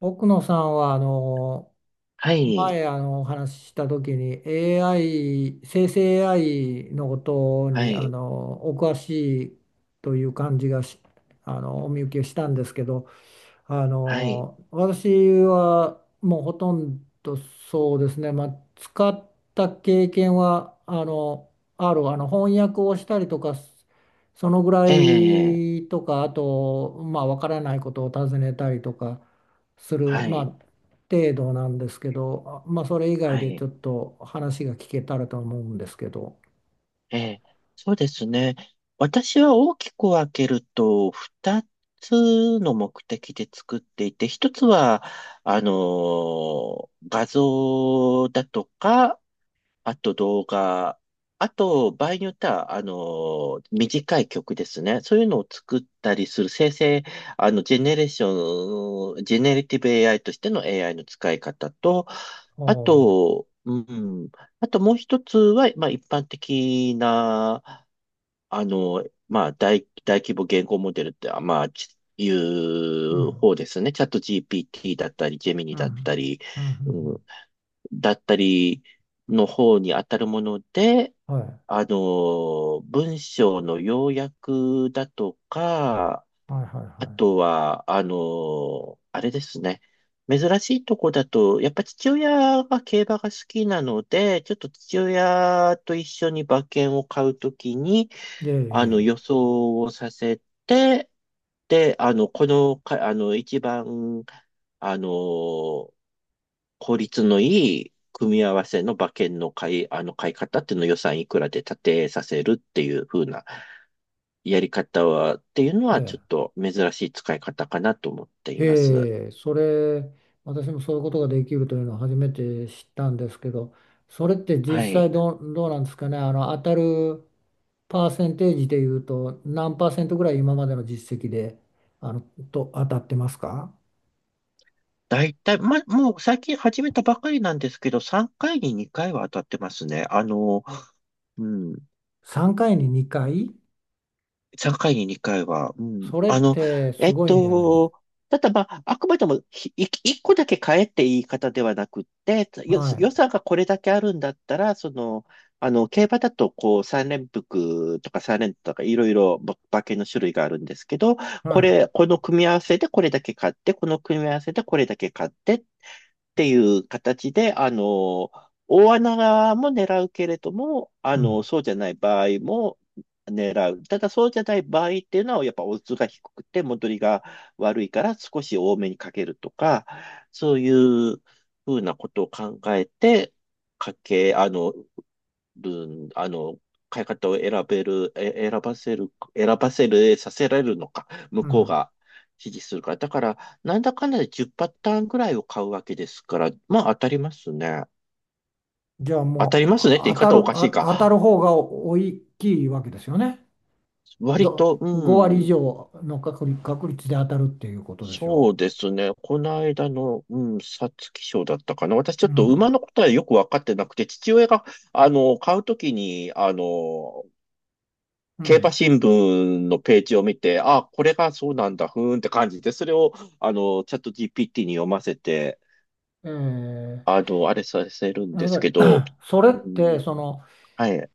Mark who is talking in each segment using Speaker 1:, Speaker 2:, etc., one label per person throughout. Speaker 1: 奥野さんはあの
Speaker 2: はい、
Speaker 1: 前あのお話しした時に、 AI、 生成 AI のこと
Speaker 2: は
Speaker 1: に
Speaker 2: い、
Speaker 1: お詳しいという感じがしあのお見受けしたんですけど、
Speaker 2: はい、
Speaker 1: 私はもうほとんど、そうですね、まあ、使った経験はある、翻訳をしたりとか、そのぐら
Speaker 2: ええ、
Speaker 1: いとか、あとまあわからないことを尋ねたりとかする、
Speaker 2: は
Speaker 1: まあ、
Speaker 2: い、
Speaker 1: 程度なんですけど、まあ、それ以外
Speaker 2: は
Speaker 1: でち
Speaker 2: い、
Speaker 1: ょっと話が聞けたらと思うんですけど。
Speaker 2: ええ、そうですね。私は大きく分けると、二つの目的で作っていて、一つは、画像だとか、あと動画、あと場合によっては、短い曲ですね。そういうのを作ったりする生成、ジェネレーション、ジェネリティブ AI としての AI の使い方と、
Speaker 1: お
Speaker 2: あ
Speaker 1: ー、
Speaker 2: と、うん、あともう一つは、まあ一般的な、大規模言語モデルって、い
Speaker 1: う
Speaker 2: う
Speaker 1: ん、
Speaker 2: 方ですね。チャット GPT だったり、ジェミニ
Speaker 1: うん、
Speaker 2: だったり、
Speaker 1: うん、う
Speaker 2: う
Speaker 1: ん、
Speaker 2: だったりの方に当たるもので、
Speaker 1: うん、はい、
Speaker 2: 文章の要約だとか、
Speaker 1: はい、はい、
Speaker 2: あ
Speaker 1: は
Speaker 2: とは、あれですね。珍しいとこだと、やっぱ父親が競馬が好きなので、ちょっと父親と一緒に馬券を買うときに、
Speaker 1: い。
Speaker 2: 予
Speaker 1: ええ、
Speaker 2: 想をさせて、で、あの、このか、あの、一番、あの、効率のいい組み合わせの馬券の買い方っていうのを予算いくらで立てさせるっていう風なやり方は、っていうの
Speaker 1: え
Speaker 2: はちょ
Speaker 1: え、え
Speaker 2: っ
Speaker 1: え、
Speaker 2: と珍しい使い方かなと思っています。
Speaker 1: へえ、それ、私もそういうことができるというのを初めて知ったんですけど、それって実
Speaker 2: はい。
Speaker 1: 際どう、どうなんですかね、あの当たるパーセンテージでいうと、何パーセントぐらい今までの実績であのと当たってますか？
Speaker 2: だいたい、もう最近始めたばかりなんですけど、3回に2回は当たってますね。うん。
Speaker 1: 3 回に2回、
Speaker 2: 3回に2回は、うん。
Speaker 1: それってす
Speaker 2: えっ
Speaker 1: ごいんじゃないで
Speaker 2: と、
Speaker 1: す
Speaker 2: ただまあ、あくまでも1個だけって言い方ではなくって、
Speaker 1: か。はい、
Speaker 2: 予算がこれだけあるんだったら、その、競馬だと、こう、3連複とか3連とかいろいろ馬券の種類があるんですけど、
Speaker 1: は
Speaker 2: こ
Speaker 1: い、
Speaker 2: れ、この組み合わせでこれだけ買って、この組み合わせでこれだけ買ってっていう形で、大穴も狙うけれども、
Speaker 1: うん、
Speaker 2: そうじゃない場合も狙う。ただそうじゃない場合っていうのは、やっぱオッズが低くて戻りが悪いから少し多めにかけるとか、そういうふうなことを考えて、かけ、あの、るん、あの、買い方を選べる、え、選ばせる、選ばせる、させられるのか、向
Speaker 1: う
Speaker 2: こう
Speaker 1: ん。
Speaker 2: が指示するから。だから、なんだかんだで10パターンぐらいを買うわけですから、まあ当たりますね。
Speaker 1: じゃあ
Speaker 2: 当た
Speaker 1: も
Speaker 2: りますねっ
Speaker 1: う
Speaker 2: て言い
Speaker 1: 当た
Speaker 2: 方
Speaker 1: る、
Speaker 2: はおかし
Speaker 1: あ、
Speaker 2: い
Speaker 1: 当た
Speaker 2: か。
Speaker 1: る方が大きいわけですよね。
Speaker 2: 割
Speaker 1: ど、
Speaker 2: と、
Speaker 1: 5
Speaker 2: う
Speaker 1: 割以
Speaker 2: ん、
Speaker 1: 上の確率、確率で当たるっていうことでし
Speaker 2: そ
Speaker 1: ょ
Speaker 2: うですね。この間の、うん、皐月賞だったかな。私ちょ
Speaker 1: う。う
Speaker 2: っと馬
Speaker 1: ん。
Speaker 2: のことはよくわかってなくて、父親が、買うときに、
Speaker 1: う
Speaker 2: 競馬
Speaker 1: ん。
Speaker 2: 新聞のページを見て、あ、これがそうなんだ、ふーんって感じで、それを、チャット GPT に読ませて、
Speaker 1: えー、
Speaker 2: あれさせるん
Speaker 1: な
Speaker 2: です
Speaker 1: ので
Speaker 2: けど、
Speaker 1: それっ
Speaker 2: う
Speaker 1: て、
Speaker 2: ん、
Speaker 1: その、
Speaker 2: はい、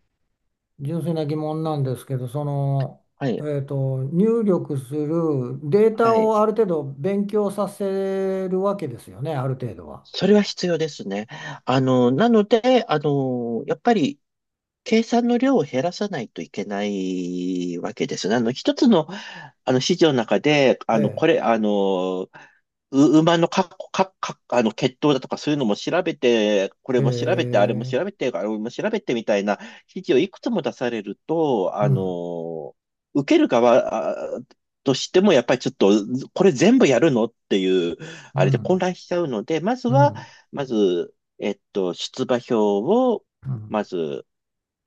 Speaker 1: 純粋な疑問なんですけど、その、
Speaker 2: はい、
Speaker 1: えっと、入力するデータ
Speaker 2: はい。
Speaker 1: をある程度勉強させるわけですよね、ある程度は。
Speaker 2: それは必要ですね。あの、なので、あの、やっぱり計算の量を減らさないといけないわけですね。一つの、指示の中で、あの、こ
Speaker 1: え
Speaker 2: れ、あの、う馬のか、か、か、あの、血統だとかそういうのも調べて、こ
Speaker 1: え。
Speaker 2: れ
Speaker 1: へ
Speaker 2: も調べて、あれも
Speaker 1: え。
Speaker 2: 調べて、あれも調べてみたいな指示をいくつも出されると、
Speaker 1: うん。
Speaker 2: 受ける側としても、やっぱりちょっと、これ全部やるのっていう、
Speaker 1: う
Speaker 2: あれで混
Speaker 1: ん。
Speaker 2: 乱しちゃうので、まず
Speaker 1: う
Speaker 2: は、
Speaker 1: ん。
Speaker 2: まず、出馬票を、
Speaker 1: うん。
Speaker 2: まず、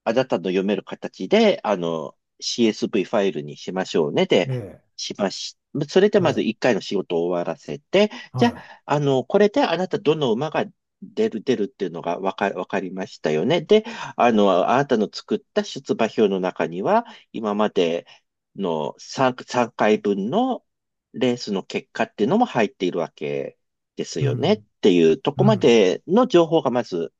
Speaker 2: あなたの読める形で、CSV ファイルにしましょうねで、
Speaker 1: え
Speaker 2: しまし、それで
Speaker 1: え。え
Speaker 2: まず
Speaker 1: え。
Speaker 2: 一回の仕事を終わらせて、じゃ
Speaker 1: は
Speaker 2: あ、これであなたどの馬が出るっていうのがわかりましたよね。で、あなたの作った出馬表の中には、今までの3回分のレースの結果っていうのも入っているわけです
Speaker 1: い。う
Speaker 2: よねっ
Speaker 1: ん。
Speaker 2: ていうと
Speaker 1: う
Speaker 2: こま
Speaker 1: ん。
Speaker 2: での情報がまず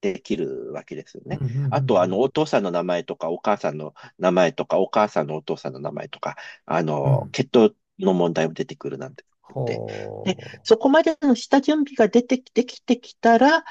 Speaker 2: できるわけですよ
Speaker 1: うん。
Speaker 2: ね。
Speaker 1: うん。う
Speaker 2: あと、
Speaker 1: ん。
Speaker 2: お父さんの名前とか、お母さんの名前とか、お母さんのお父さんの名前とか、
Speaker 1: うん。
Speaker 2: 血統の問題も出てくるなんて。で、で、
Speaker 1: ほう。
Speaker 2: そこまでの下準備が出てき、できてきたら、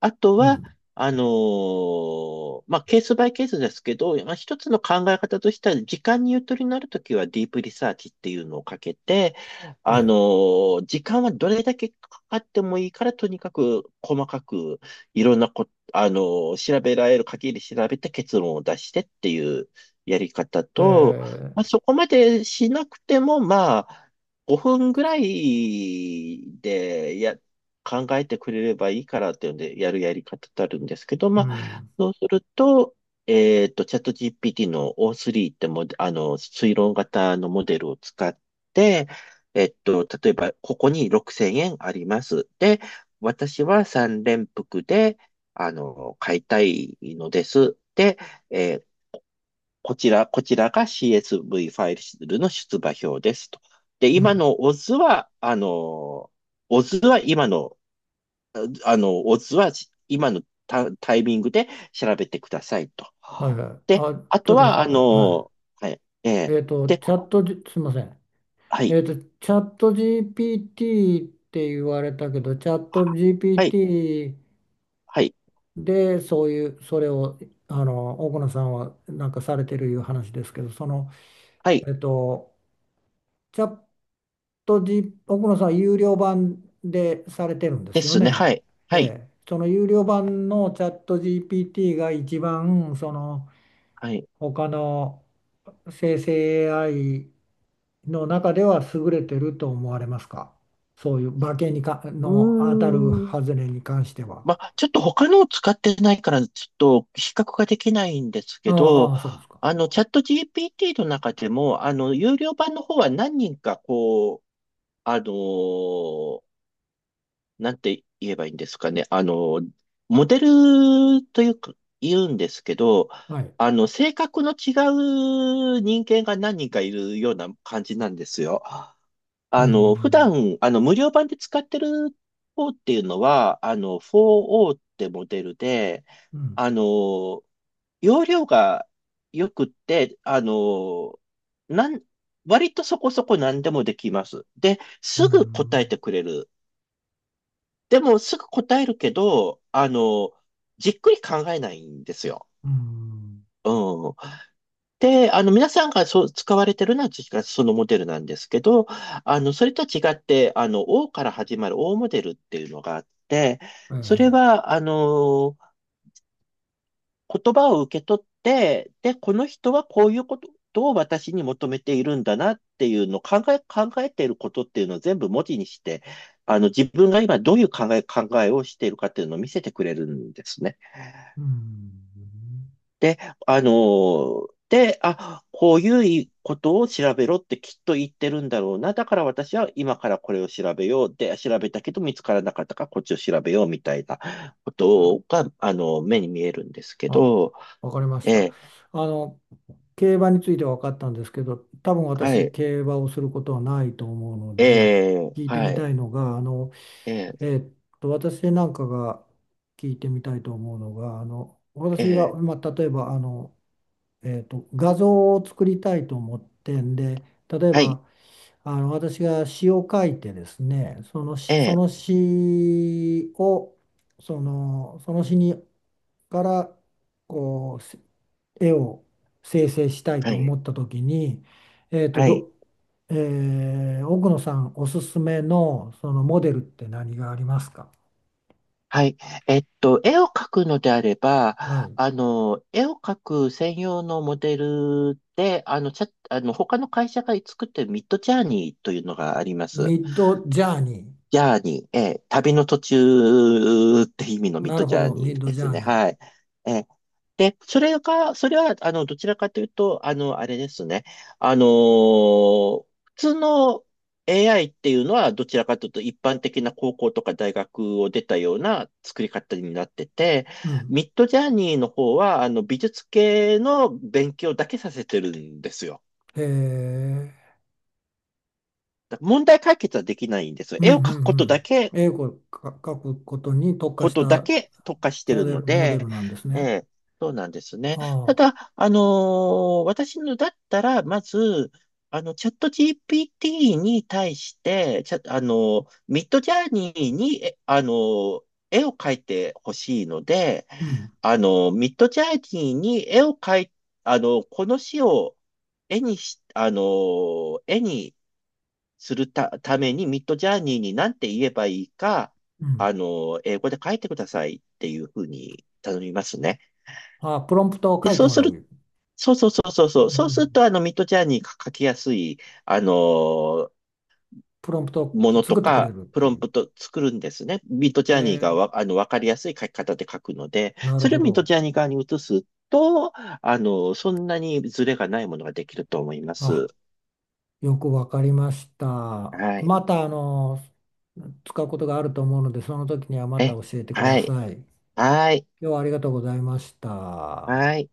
Speaker 2: あと
Speaker 1: う
Speaker 2: は、
Speaker 1: ん。
Speaker 2: まあ、ケースバイケースですけど、まあ、一つの考え方としては、時間にゆとりのあるときはディープリサーチっていうのをかけて、
Speaker 1: え
Speaker 2: 時間はどれだけかかってもいいから、とにかく細かくいろんなこ調べられる限り調べて結論を出してっていうやり方
Speaker 1: え。え
Speaker 2: と、まあ、
Speaker 1: え。
Speaker 2: そこまでしなくても、まあ、5分ぐらいで考えてくれればいいからっていうんで、やるやり方ってあるんですけど、
Speaker 1: う
Speaker 2: まあ、
Speaker 1: ん。
Speaker 2: そうすると、チャット GPT の O3 っても、推論型のモデルを使って、例えば、ここに6000円あります。で、私は3連複で、買いたいのです。で、えーこちら、こちらが CSV ファイルの出馬表ですと。で、
Speaker 1: う
Speaker 2: 今
Speaker 1: ん。
Speaker 2: のオズは、あの、オズは今の、あの、オズは今のタイミングで調べてくださいと。
Speaker 1: はいはい。
Speaker 2: で、
Speaker 1: あ、
Speaker 2: あ
Speaker 1: ちょ
Speaker 2: と
Speaker 1: っと待
Speaker 2: は、
Speaker 1: って。は
Speaker 2: はい、
Speaker 1: い。えっと、
Speaker 2: で、
Speaker 1: チャットじ、すいません。
Speaker 2: はい、
Speaker 1: えっと、チャット GPT って言われたけど、チャット
Speaker 2: はい、
Speaker 1: GPT
Speaker 2: はい、
Speaker 1: でそういう、それを、あの、奥野さんはなんかされてるいう話ですけど、その、
Speaker 2: はい、
Speaker 1: えっと、チャット G、奥野さんは有料版でされてるんで
Speaker 2: で
Speaker 1: すよ
Speaker 2: すね、は
Speaker 1: ね。
Speaker 2: い、
Speaker 1: え
Speaker 2: はい、
Speaker 1: え、その有料版のチャット GPT が一番、その
Speaker 2: はい。
Speaker 1: 他の生成 AI の中では優れてると思われますか、そういう馬券にか
Speaker 2: う
Speaker 1: の当たる
Speaker 2: ー
Speaker 1: 外
Speaker 2: ん。
Speaker 1: れに関しては。
Speaker 2: まあ、ちょっと他のを使ってないから、ちょっと比較ができないんですけど、
Speaker 1: ああ、そうですか。
Speaker 2: チャット GPT の中でも、有料版の方は何人か、こう、あのーなんて言えばいいんですかね、モデルというか、言うんですけど、
Speaker 1: はい。
Speaker 2: 性格の違う人間が何人かいるような感じなんですよ。
Speaker 1: う
Speaker 2: 普
Speaker 1: ん。
Speaker 2: 段、無料版で使ってる方っていうのは、4O ってモデルで、
Speaker 1: うん。
Speaker 2: あの、容量が良くって、なん、割とそこそこ何でもできます。で、
Speaker 1: う
Speaker 2: すぐ答え
Speaker 1: ん。
Speaker 2: てくれる。でも、すぐ答えるけど、じっくり考えないんですよ。
Speaker 1: うん。
Speaker 2: うん。で、皆さんがそう使われてるのは確かそのモデルなんですけど、それとは違って、O から始まる O モデルっていうのがあって、
Speaker 1: はいは
Speaker 2: それ
Speaker 1: い。
Speaker 2: は、言葉を受け取って、で、この人はこういうことを私に求めているんだなっていうのを考えていることっていうのを全部文字にして、自分が今どういう考えをしているかっていうのを見せてくれるんですね。
Speaker 1: うん。
Speaker 2: で、で、あ、こういうことを調べろってきっと言ってるんだろうな。だから私は今からこれを調べよう。で、調べたけど見つからなかったからこっちを調べようみたいなことが、目に見えるんですけ
Speaker 1: あ、
Speaker 2: ど、
Speaker 1: わかりました。
Speaker 2: えー
Speaker 1: あの、競馬については分かったんですけど、多分
Speaker 2: は
Speaker 1: 私、
Speaker 2: い、
Speaker 1: 競馬をすることはないと思うので、聞いて
Speaker 2: は
Speaker 1: み
Speaker 2: い、
Speaker 1: たいのが、あの、
Speaker 2: えー
Speaker 1: えーっ私なんかが聞いてみたいと思うのが、あの、
Speaker 2: え
Speaker 1: 私が、
Speaker 2: ー
Speaker 1: まあ、例えば、あの、えーっと、画像を作りたいと思ってんで、例え
Speaker 2: はい、
Speaker 1: ば、あの、私が詩を書いてですね、
Speaker 2: え
Speaker 1: その
Speaker 2: ー
Speaker 1: 詩を、その、その詩にからこう絵を生成したい
Speaker 2: は
Speaker 1: と
Speaker 2: い、
Speaker 1: 思った時に、えーと、
Speaker 2: はい。
Speaker 1: ど、えー、奥野さんおすすめのそのモデルって何がありますか。
Speaker 2: はい。絵を描くのであれば、
Speaker 1: はい。
Speaker 2: 絵を描く専用のモデルで、あの、チャあの、他の会社が作ってるミッドジャーニーというのがあります。
Speaker 1: ミッドジャーニ
Speaker 2: ジャーニー、ええ旅の途中って意味の
Speaker 1: ー。
Speaker 2: ミッ
Speaker 1: な
Speaker 2: ド
Speaker 1: る
Speaker 2: ジ
Speaker 1: ほ
Speaker 2: ャー
Speaker 1: ど、ミ
Speaker 2: ニ
Speaker 1: ッ
Speaker 2: ー
Speaker 1: ド
Speaker 2: で
Speaker 1: ジ
Speaker 2: す
Speaker 1: ャー
Speaker 2: ね。
Speaker 1: ニ
Speaker 2: はい。
Speaker 1: ー。
Speaker 2: ええで、それが、それは、どちらかというと、あれですね。あのー普通の AI っていうのは、どちらかというと、一般的な高校とか大学を出たような作り方になってて、
Speaker 1: うん。
Speaker 2: ミッドジャーニーの方は、美術系の勉強だけさせてるんですよ。
Speaker 1: へえ。
Speaker 2: だから問題解決はできないんですよ。
Speaker 1: う
Speaker 2: 絵を
Speaker 1: ん
Speaker 2: 描く
Speaker 1: うんうん。絵を描くことに特化
Speaker 2: こ
Speaker 1: し
Speaker 2: とだ
Speaker 1: た
Speaker 2: け特化してるの
Speaker 1: モデル
Speaker 2: で、
Speaker 1: なんです
Speaker 2: え
Speaker 1: ね。
Speaker 2: え、そうなんですね。
Speaker 1: あ
Speaker 2: た
Speaker 1: あ。
Speaker 2: だ、私のだったら、まず、チャット GPT に対して、チャ、あのーミッドジャーニーに、えあのー絵を描いてほしいので、
Speaker 1: うん。
Speaker 2: あのーミッドジャーニーに絵を描い、あのーこの詩を絵にし、あのー絵にするた、ために、ミッドジャーニーに何て言えばいいか、
Speaker 1: うん。
Speaker 2: 英語で書いてくださいっていうふうに頼みますね。
Speaker 1: ああ、プロンプトを
Speaker 2: で、
Speaker 1: 書いて
Speaker 2: そう
Speaker 1: も
Speaker 2: す
Speaker 1: ら
Speaker 2: る、
Speaker 1: う、
Speaker 2: そうそうそうそう
Speaker 1: う
Speaker 2: そ
Speaker 1: ん
Speaker 2: う、
Speaker 1: うん
Speaker 2: そ
Speaker 1: う
Speaker 2: うする
Speaker 1: ん、
Speaker 2: と、ミッドジャーニーが書きやすい、あの、
Speaker 1: プロンプトを
Speaker 2: ものと
Speaker 1: 作ってくれ
Speaker 2: か、
Speaker 1: るっ
Speaker 2: プ
Speaker 1: て
Speaker 2: ロ
Speaker 1: い
Speaker 2: ン
Speaker 1: う。
Speaker 2: プト作るんですね。ミッドジ
Speaker 1: へ
Speaker 2: ャーニーが
Speaker 1: え、
Speaker 2: わ、あの、わかりやすい書き方で書くので、
Speaker 1: なる
Speaker 2: それ
Speaker 1: ほ
Speaker 2: をミッド
Speaker 1: ど。
Speaker 2: ジャーニー側に移すと、そんなにズレがないものができると思います。
Speaker 1: あ、よくわかりました。
Speaker 2: はい。
Speaker 1: また、あの、使うことがあると思うので、その時にはまた
Speaker 2: え、
Speaker 1: 教えてくだ
Speaker 2: はい。
Speaker 1: さい。今
Speaker 2: はい。
Speaker 1: 日はありがとうございまし
Speaker 2: は
Speaker 1: た。
Speaker 2: い。はい。